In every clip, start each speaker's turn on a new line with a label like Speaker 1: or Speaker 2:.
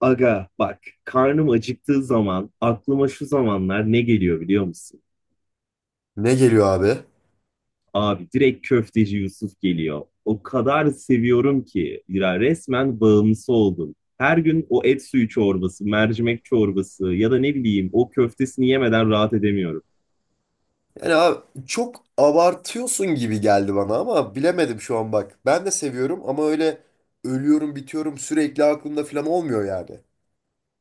Speaker 1: Aga bak karnım acıktığı zaman aklıma şu zamanlar ne geliyor biliyor musun?
Speaker 2: Ne geliyor abi?
Speaker 1: Abi direkt köfteci Yusuf geliyor. O kadar seviyorum ki ya resmen bağımlısı oldum. Her gün o et suyu çorbası, mercimek çorbası ya da ne bileyim o köftesini yemeden rahat edemiyorum.
Speaker 2: Yani abi çok abartıyorsun gibi geldi bana ama bilemedim şu an bak. Ben de seviyorum ama öyle ölüyorum bitiyorum sürekli aklımda falan olmuyor yani.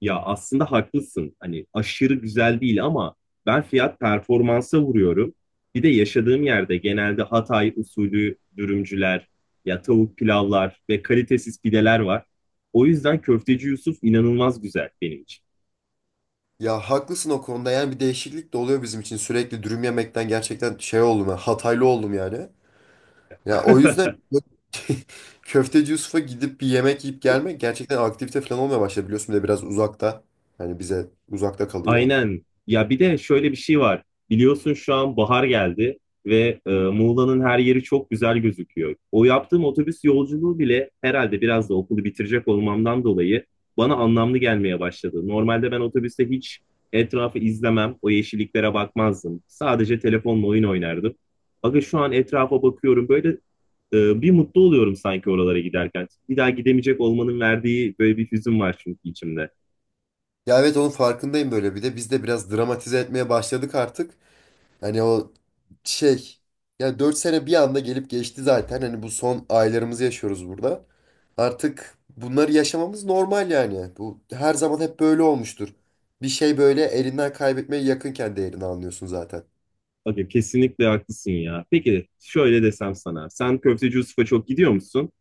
Speaker 1: Ya aslında haklısın. Hani aşırı güzel değil ama ben fiyat performansa vuruyorum. Bir de yaşadığım yerde genelde Hatay usulü dürümcüler, ya tavuk pilavlar ve kalitesiz pideler var. O yüzden Köfteci Yusuf inanılmaz güzel benim için.
Speaker 2: Ya haklısın o konuda yani bir değişiklik de oluyor bizim için. Sürekli dürüm yemekten gerçekten şey oldum ya Hataylı oldum yani. Ya o yüzden Köfteci Yusuf'a gidip bir yemek yiyip gelmek gerçekten aktivite falan olmaya başladı. Biliyorsun bir de biraz uzakta. Yani bize uzakta kalıyor.
Speaker 1: Aynen. Ya bir de şöyle bir şey var. Biliyorsun şu an bahar geldi ve Muğla'nın her yeri çok güzel gözüküyor. O yaptığım otobüs yolculuğu bile herhalde biraz da okulu bitirecek olmamdan dolayı bana anlamlı gelmeye başladı. Normalde ben otobüste hiç etrafı izlemem, o yeşilliklere bakmazdım. Sadece telefonla oyun oynardım. Aga şu an etrafa bakıyorum böyle bir mutlu oluyorum sanki oralara giderken. Bir daha gidemeyecek olmanın verdiği böyle bir hüzün var çünkü içimde.
Speaker 2: Ya evet onun farkındayım böyle bir de biz de biraz dramatize etmeye başladık artık. Hani o şey ya 4 sene bir anda gelip geçti zaten. Hani bu son aylarımızı yaşıyoruz burada. Artık bunları yaşamamız normal yani. Bu her zaman hep böyle olmuştur. Bir şey böyle elinden kaybetmeye yakınken değerini anlıyorsun zaten.
Speaker 1: Aga kesinlikle haklısın ya. Peki şöyle desem sana. Sen Köfteci Yusuf'a çok gidiyor musun?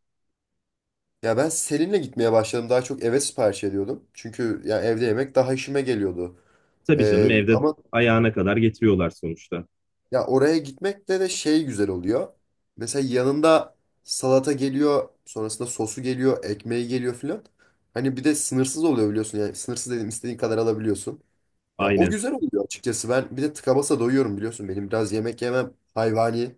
Speaker 2: Ya ben Selin'le gitmeye başladım. Daha çok eve sipariş ediyordum. Çünkü ya evde yemek daha işime geliyordu.
Speaker 1: Tabii canım evde
Speaker 2: Ama
Speaker 1: ayağına kadar getiriyorlar sonuçta.
Speaker 2: Ya oraya gitmek de şey güzel oluyor. Mesela yanında salata geliyor, sonrasında sosu geliyor, ekmeği geliyor filan. Hani bir de sınırsız oluyor biliyorsun. Yani sınırsız dedim istediğin kadar alabiliyorsun. Ya o
Speaker 1: Aynen.
Speaker 2: güzel oluyor açıkçası. Ben bir de tıka basa doyuyorum biliyorsun. Benim biraz yemek yemem hayvani.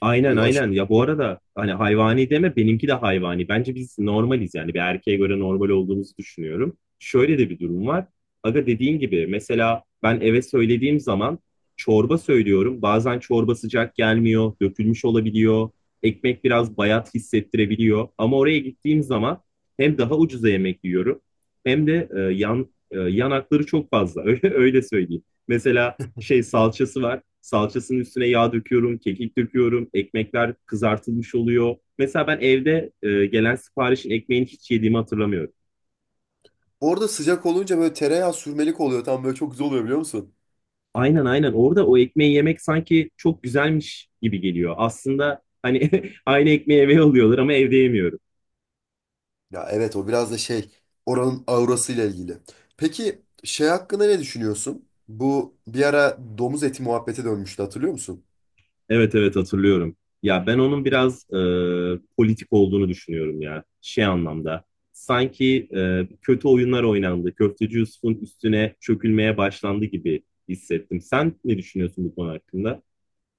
Speaker 1: Aynen
Speaker 2: Böyle aşırı.
Speaker 1: aynen ya bu arada hani hayvani deme benimki de hayvani. Bence biz normaliz yani bir erkeğe göre normal olduğumuzu düşünüyorum. Şöyle de bir durum var. Aga dediğin gibi mesela ben eve söylediğim zaman çorba söylüyorum. Bazen çorba sıcak gelmiyor, dökülmüş olabiliyor. Ekmek biraz bayat hissettirebiliyor. Ama oraya gittiğim zaman hem daha ucuza yemek yiyorum hem de yanakları çok fazla öyle, öyle söyleyeyim. Mesela şey salçası var. Salçasının üstüne yağ döküyorum, kekik döküyorum, ekmekler kızartılmış oluyor. Mesela ben evde gelen siparişin ekmeğini hiç yediğimi hatırlamıyorum.
Speaker 2: Orada sıcak olunca böyle tereyağı sürmelik oluyor. Tam böyle çok güzel oluyor biliyor musun?
Speaker 1: Aynen aynen orada o ekmeği yemek sanki çok güzelmiş gibi geliyor. Aslında hani aynı ekmeği eve alıyorlar ama evde yemiyorum.
Speaker 2: Ya evet o biraz da şey oranın aurasıyla ilgili. Peki şey hakkında ne düşünüyorsun? Bu bir ara domuz eti muhabbete dönmüştü hatırlıyor musun?
Speaker 1: Evet evet hatırlıyorum. Ya ben onun
Speaker 2: Ya,
Speaker 1: biraz politik olduğunu düşünüyorum ya. Şey anlamda. Sanki kötü oyunlar oynandı. Köfteci Yusuf'un üstüne çökülmeye başlandı gibi hissettim. Sen ne düşünüyorsun bu konu hakkında?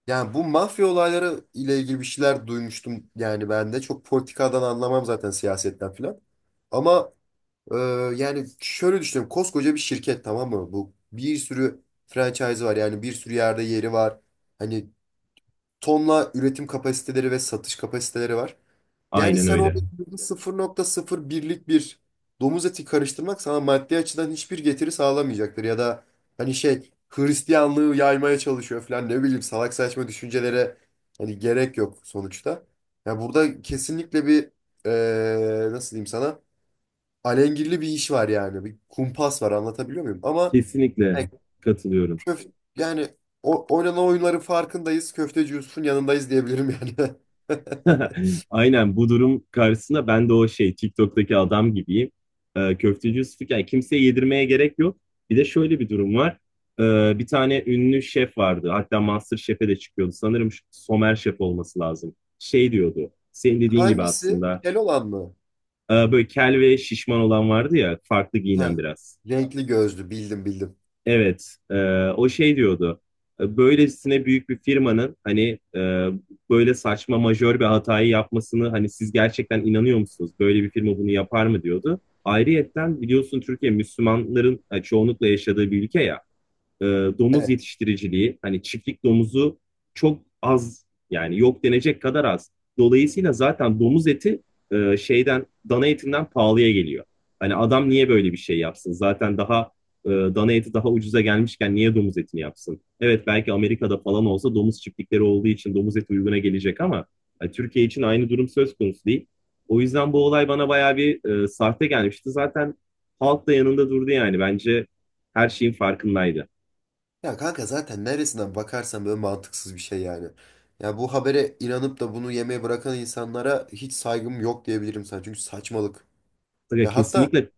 Speaker 2: yani bu mafya olayları ile ilgili bir şeyler duymuştum yani ben de. Çok politikadan anlamam zaten siyasetten filan. Ama e, yani şöyle düşünüyorum koskoca bir şirket, tamam mı? Bu bir sürü franchise var, yani bir sürü yerde yeri var. Hani tonla üretim kapasiteleri ve satış kapasiteleri var. Yani
Speaker 1: Aynen
Speaker 2: sen
Speaker 1: öyle.
Speaker 2: orada sıfır nokta sıfır birlik bir domuz eti karıştırmak sana maddi açıdan hiçbir getiri sağlamayacaktır. Ya da hani şey Hristiyanlığı yaymaya çalışıyor falan, ne bileyim, salak saçma düşüncelere hani gerek yok sonuçta. Ya burada kesinlikle bir nasıl diyeyim sana, alengirli bir iş var, yani bir kumpas var, anlatabiliyor muyum? Ama
Speaker 1: Kesinlikle
Speaker 2: yani,
Speaker 1: katılıyorum.
Speaker 2: köf- yani o, oynanan oyunların farkındayız, köfteci Yusuf'un yanındayız diyebilirim yani.
Speaker 1: Aynen bu durum karşısında ben de o şey TikTok'taki adam gibiyim. Köfteci Yusuf'u yani kimseye yedirmeye gerek yok. Bir de şöyle bir durum var. Bir tane ünlü şef vardı. Hatta MasterChef'e de çıkıyordu. Sanırım Somer Şef olması lazım. Şey diyordu. Senin dediğin gibi
Speaker 2: Hangisi?
Speaker 1: aslında.
Speaker 2: Kel olan mı?
Speaker 1: Böyle kel ve şişman olan vardı ya. Farklı
Speaker 2: Ha,
Speaker 1: giyinen biraz.
Speaker 2: renkli gözlü, bildim bildim.
Speaker 1: Evet, o şey diyordu. Böylesine büyük bir firmanın hani böyle saçma majör bir hatayı yapmasını hani siz gerçekten inanıyor musunuz? Böyle bir firma bunu yapar mı diyordu. Ayrıyetten biliyorsun Türkiye Müslümanların çoğunlukla yaşadığı bir ülke ya e, domuz
Speaker 2: Evet.
Speaker 1: yetiştiriciliği hani çiftlik domuzu çok az yani yok denecek kadar az. Dolayısıyla zaten domuz eti e, şeyden dana etinden pahalıya geliyor. Hani adam niye böyle bir şey yapsın? Zaten daha dana eti daha ucuza gelmişken niye domuz etini yapsın? Evet belki Amerika'da falan olsa domuz çiftlikleri olduğu için domuz eti uyguna gelecek ama hani Türkiye için aynı durum söz konusu değil. O yüzden bu olay bana bayağı bir sahte gelmişti. Zaten halk da yanında durdu yani. Bence her şeyin farkındaydı.
Speaker 2: Ya kanka zaten neresinden bakarsan böyle mantıksız bir şey yani. Ya bu habere inanıp da bunu yemeye bırakan insanlara hiç saygım yok diyebilirim sana. Çünkü saçmalık.
Speaker 1: Ya
Speaker 2: Ya hatta
Speaker 1: kesinlikle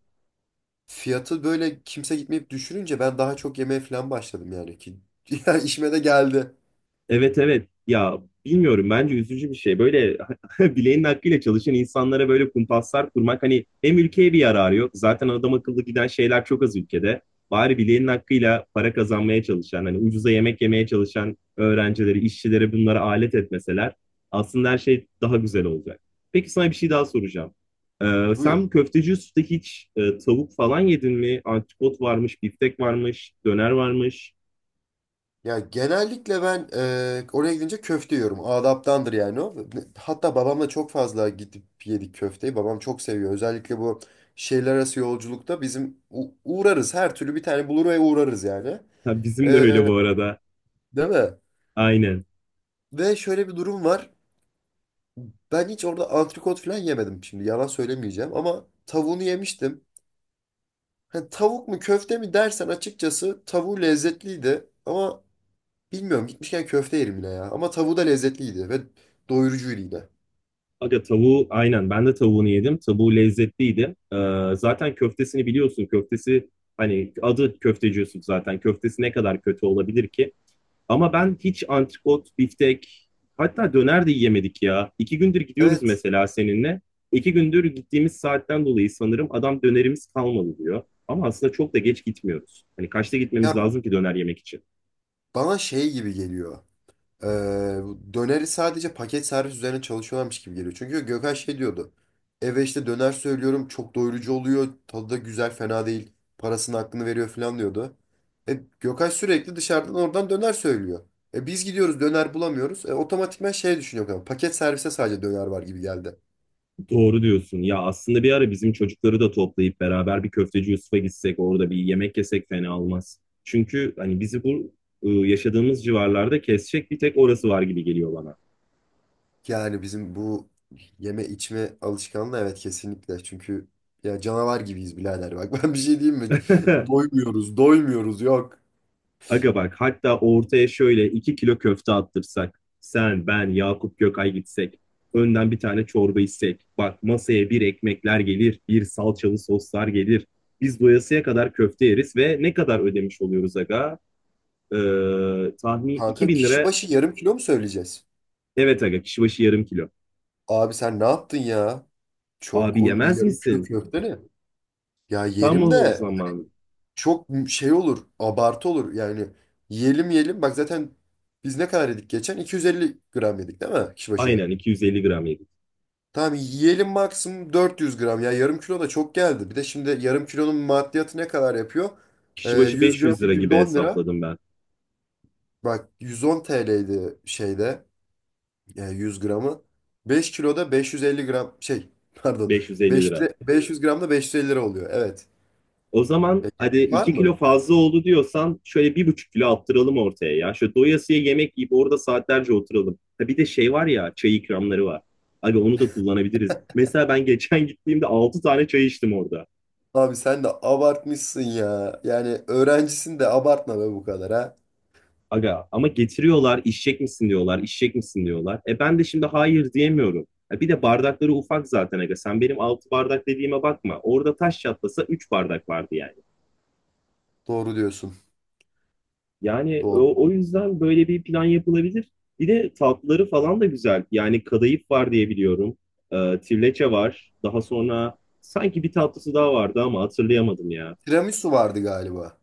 Speaker 2: fiyatı böyle kimse gitmeyip düşününce ben daha çok yemeye falan başladım yani ki. Ya işime de geldi.
Speaker 1: evet evet ya bilmiyorum bence üzücü bir şey. Böyle bileğinin hakkıyla çalışan insanlara böyle kumpaslar kurmak hani hem ülkeye bir yararı yok. Zaten adam akıllı giden şeyler çok az ülkede. Bari bileğinin hakkıyla para kazanmaya çalışan hani ucuza yemek yemeye çalışan öğrencileri, işçileri bunlara alet etmeseler aslında her şey daha güzel olacak. Peki sana bir şey daha soracağım. Ee,
Speaker 2: Buyur.
Speaker 1: sen köfteci usta hiç tavuk falan yedin mi? Antrikot varmış, biftek varmış, döner varmış.
Speaker 2: Ya genellikle ben oraya gidince köfte yiyorum. Adaptandır yani o. Hatta babamla çok fazla gidip yedik köfteyi. Babam çok seviyor. Özellikle bu şehirler arası yolculukta bizim uğrarız. Her türlü bir tane bulur ve uğrarız yani.
Speaker 1: Ha, bizim de
Speaker 2: E,
Speaker 1: öyle bu arada.
Speaker 2: Değil mi?
Speaker 1: Aynen.
Speaker 2: Ve şöyle bir durum var. Ben hiç orada antrikot falan yemedim şimdi. Yalan söylemeyeceğim ama tavuğunu yemiştim. Ha, tavuk mu köfte mi dersen açıkçası tavuğu lezzetliydi. Ama bilmiyorum, gitmişken köfte yerim yine ya. Ama tavuğu da lezzetliydi ve doyurucuydu yine.
Speaker 1: Aga tavuğu aynen ben de tavuğunu yedim. Tavuğu lezzetliydi. Zaten köftesini biliyorsun. Köftesi hani adı Köfteci Yusuf zaten. Köftesi ne kadar kötü olabilir ki? Ama ben hiç antrikot, biftek hatta döner de yiyemedik ya. 2 gündür gidiyoruz
Speaker 2: Evet.
Speaker 1: mesela seninle. 2 gündür gittiğimiz saatten dolayı sanırım adam dönerimiz kalmadı diyor. Ama aslında çok da geç gitmiyoruz. Hani kaçta gitmemiz
Speaker 2: Ya
Speaker 1: lazım ki döner yemek için?
Speaker 2: bana şey gibi geliyor. Bu döneri sadece paket servis üzerine çalışıyorlarmış gibi geliyor. Çünkü Gökhan şey diyordu. Eve işte döner söylüyorum, çok doyurucu oluyor. Tadı da güzel, fena değil. Parasının hakkını veriyor falan diyordu. Gökhan sürekli dışarıdan oradan döner söylüyor. Biz gidiyoruz, döner bulamıyoruz. Otomatikman şey düşünüyor Gökhan, paket servise sadece döner var gibi geldi.
Speaker 1: Doğru diyorsun. Ya aslında bir ara bizim çocukları da toplayıp beraber bir Köfteci Yusuf'a gitsek, orada bir yemek yesek fena olmaz. Çünkü hani bizi bu yaşadığımız civarlarda kesecek bir tek orası var gibi geliyor bana.
Speaker 2: Yani bizim bu yeme içme alışkanlığı, evet, kesinlikle. Çünkü ya canavar gibiyiz birader. Bak, ben bir şey diyeyim mi? Doymuyoruz, doymuyoruz, yok.
Speaker 1: Aga bak hatta ortaya şöyle 2 kilo köfte attırsak. Sen, ben, Yakup Gökay gitsek. Önden bir tane çorba içsek. Bak masaya bir ekmekler gelir, bir salçalı soslar gelir. Biz doyasıya kadar köfte yeriz ve ne kadar ödemiş oluyoruz aga? Ee, tahmin iki
Speaker 2: Kanka
Speaker 1: bin
Speaker 2: kişi
Speaker 1: lira
Speaker 2: başı yarım kilo mu söyleyeceğiz?
Speaker 1: Evet aga kişi başı yarım kilo.
Speaker 2: Abi sen ne yaptın ya? Çok
Speaker 1: Abi
Speaker 2: oğlum, bir
Speaker 1: yemez
Speaker 2: yarım kilo
Speaker 1: misin?
Speaker 2: köfte ne? Ya
Speaker 1: Tam
Speaker 2: yerim
Speaker 1: o
Speaker 2: de
Speaker 1: zaman.
Speaker 2: çok şey olur, abartı olur. Yani yiyelim yiyelim. Bak zaten biz ne kadar yedik geçen? 250 gram yedik değil mi kişi başı?
Speaker 1: Aynen 250 gram yedik.
Speaker 2: Tamam yiyelim maksimum 400 gram. Ya yarım kilo da çok geldi. Bir de şimdi yarım kilonun maddiyatı ne kadar yapıyor?
Speaker 1: Kişi başı
Speaker 2: 100 gram
Speaker 1: 500 lira gibi
Speaker 2: 110 lira.
Speaker 1: hesapladım ben.
Speaker 2: Bak, 110 TL'ydi şeyde 100 gramı. 5 kiloda 550 gram şey pardon
Speaker 1: 550 lira.
Speaker 2: 500, 500 gramda 550 lira oluyor. Evet.
Speaker 1: O zaman
Speaker 2: Ya
Speaker 1: hadi
Speaker 2: gerek var
Speaker 1: 2 kilo
Speaker 2: mı?
Speaker 1: fazla oldu diyorsan şöyle 1,5 kilo attıralım ortaya ya. Şöyle doyasıya yemek yiyip orada saatlerce oturalım. Ha bir de şey var ya çay ikramları var. Abi onu da kullanabiliriz. Mesela ben geçen gittiğimde 6 tane çay içtim orada.
Speaker 2: Abi sen de abartmışsın ya. Yani öğrencisin de abartma be bu kadar ha.
Speaker 1: Aga ama getiriyorlar içecek misin diyorlar, içecek misin diyorlar. Ben de şimdi hayır diyemiyorum. Bir de bardakları ufak zaten aga. Sen benim 6 bardak dediğime bakma. Orada taş çatlasa 3 bardak vardı yani.
Speaker 2: Doğru diyorsun.
Speaker 1: Yani
Speaker 2: Doğru.
Speaker 1: o yüzden böyle bir plan yapılabilir. Bir de tatlıları falan da güzel. Yani kadayıf var diye biliyorum. Tirleçe var. Daha sonra sanki bir tatlısı daha vardı ama hatırlayamadım ya.
Speaker 2: Tiramisu vardı galiba.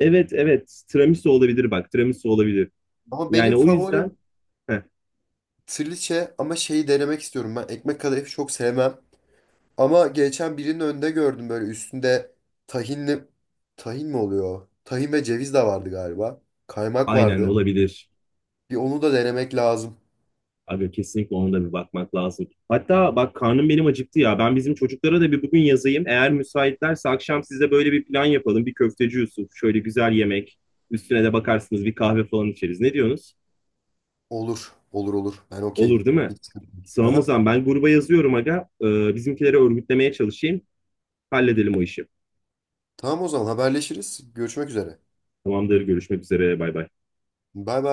Speaker 1: Evet evet tiramisu olabilir bak tiramisu olabilir.
Speaker 2: Ama benim
Speaker 1: Yani o yüzden
Speaker 2: favorim
Speaker 1: heh,
Speaker 2: trileçe, ama şeyi denemek istiyorum ben. Ekmek kadayıfı çok sevmem. Ama geçen birinin önünde gördüm, böyle üstünde tahinli... Tahin mi oluyor? Tahin ve ceviz de vardı galiba. Kaymak
Speaker 1: aynen
Speaker 2: vardı.
Speaker 1: olabilir.
Speaker 2: Bir onu da denemek lazım.
Speaker 1: Aga kesinlikle ona da bir bakmak lazım. Hatta bak karnım benim acıktı ya. Ben bizim çocuklara da bir bugün yazayım. Eğer müsaitlerse akşam size böyle bir plan yapalım. Bir Köfteci Yusuf, şöyle güzel yemek. Üstüne de bakarsınız bir kahve falan içeriz. Ne diyorsunuz?
Speaker 2: Olur. Olur, olur. Ben okeyim.
Speaker 1: Olur değil mi?
Speaker 2: Hiç sıkıntı değil.
Speaker 1: Sağım o
Speaker 2: Aha.
Speaker 1: zaman ben gruba yazıyorum aga. Bizimkileri örgütlemeye çalışayım. Halledelim o işi.
Speaker 2: Tamam, o zaman haberleşiriz. Görüşmek üzere.
Speaker 1: Tamamdır görüşmek üzere bay bay.
Speaker 2: Bay bay.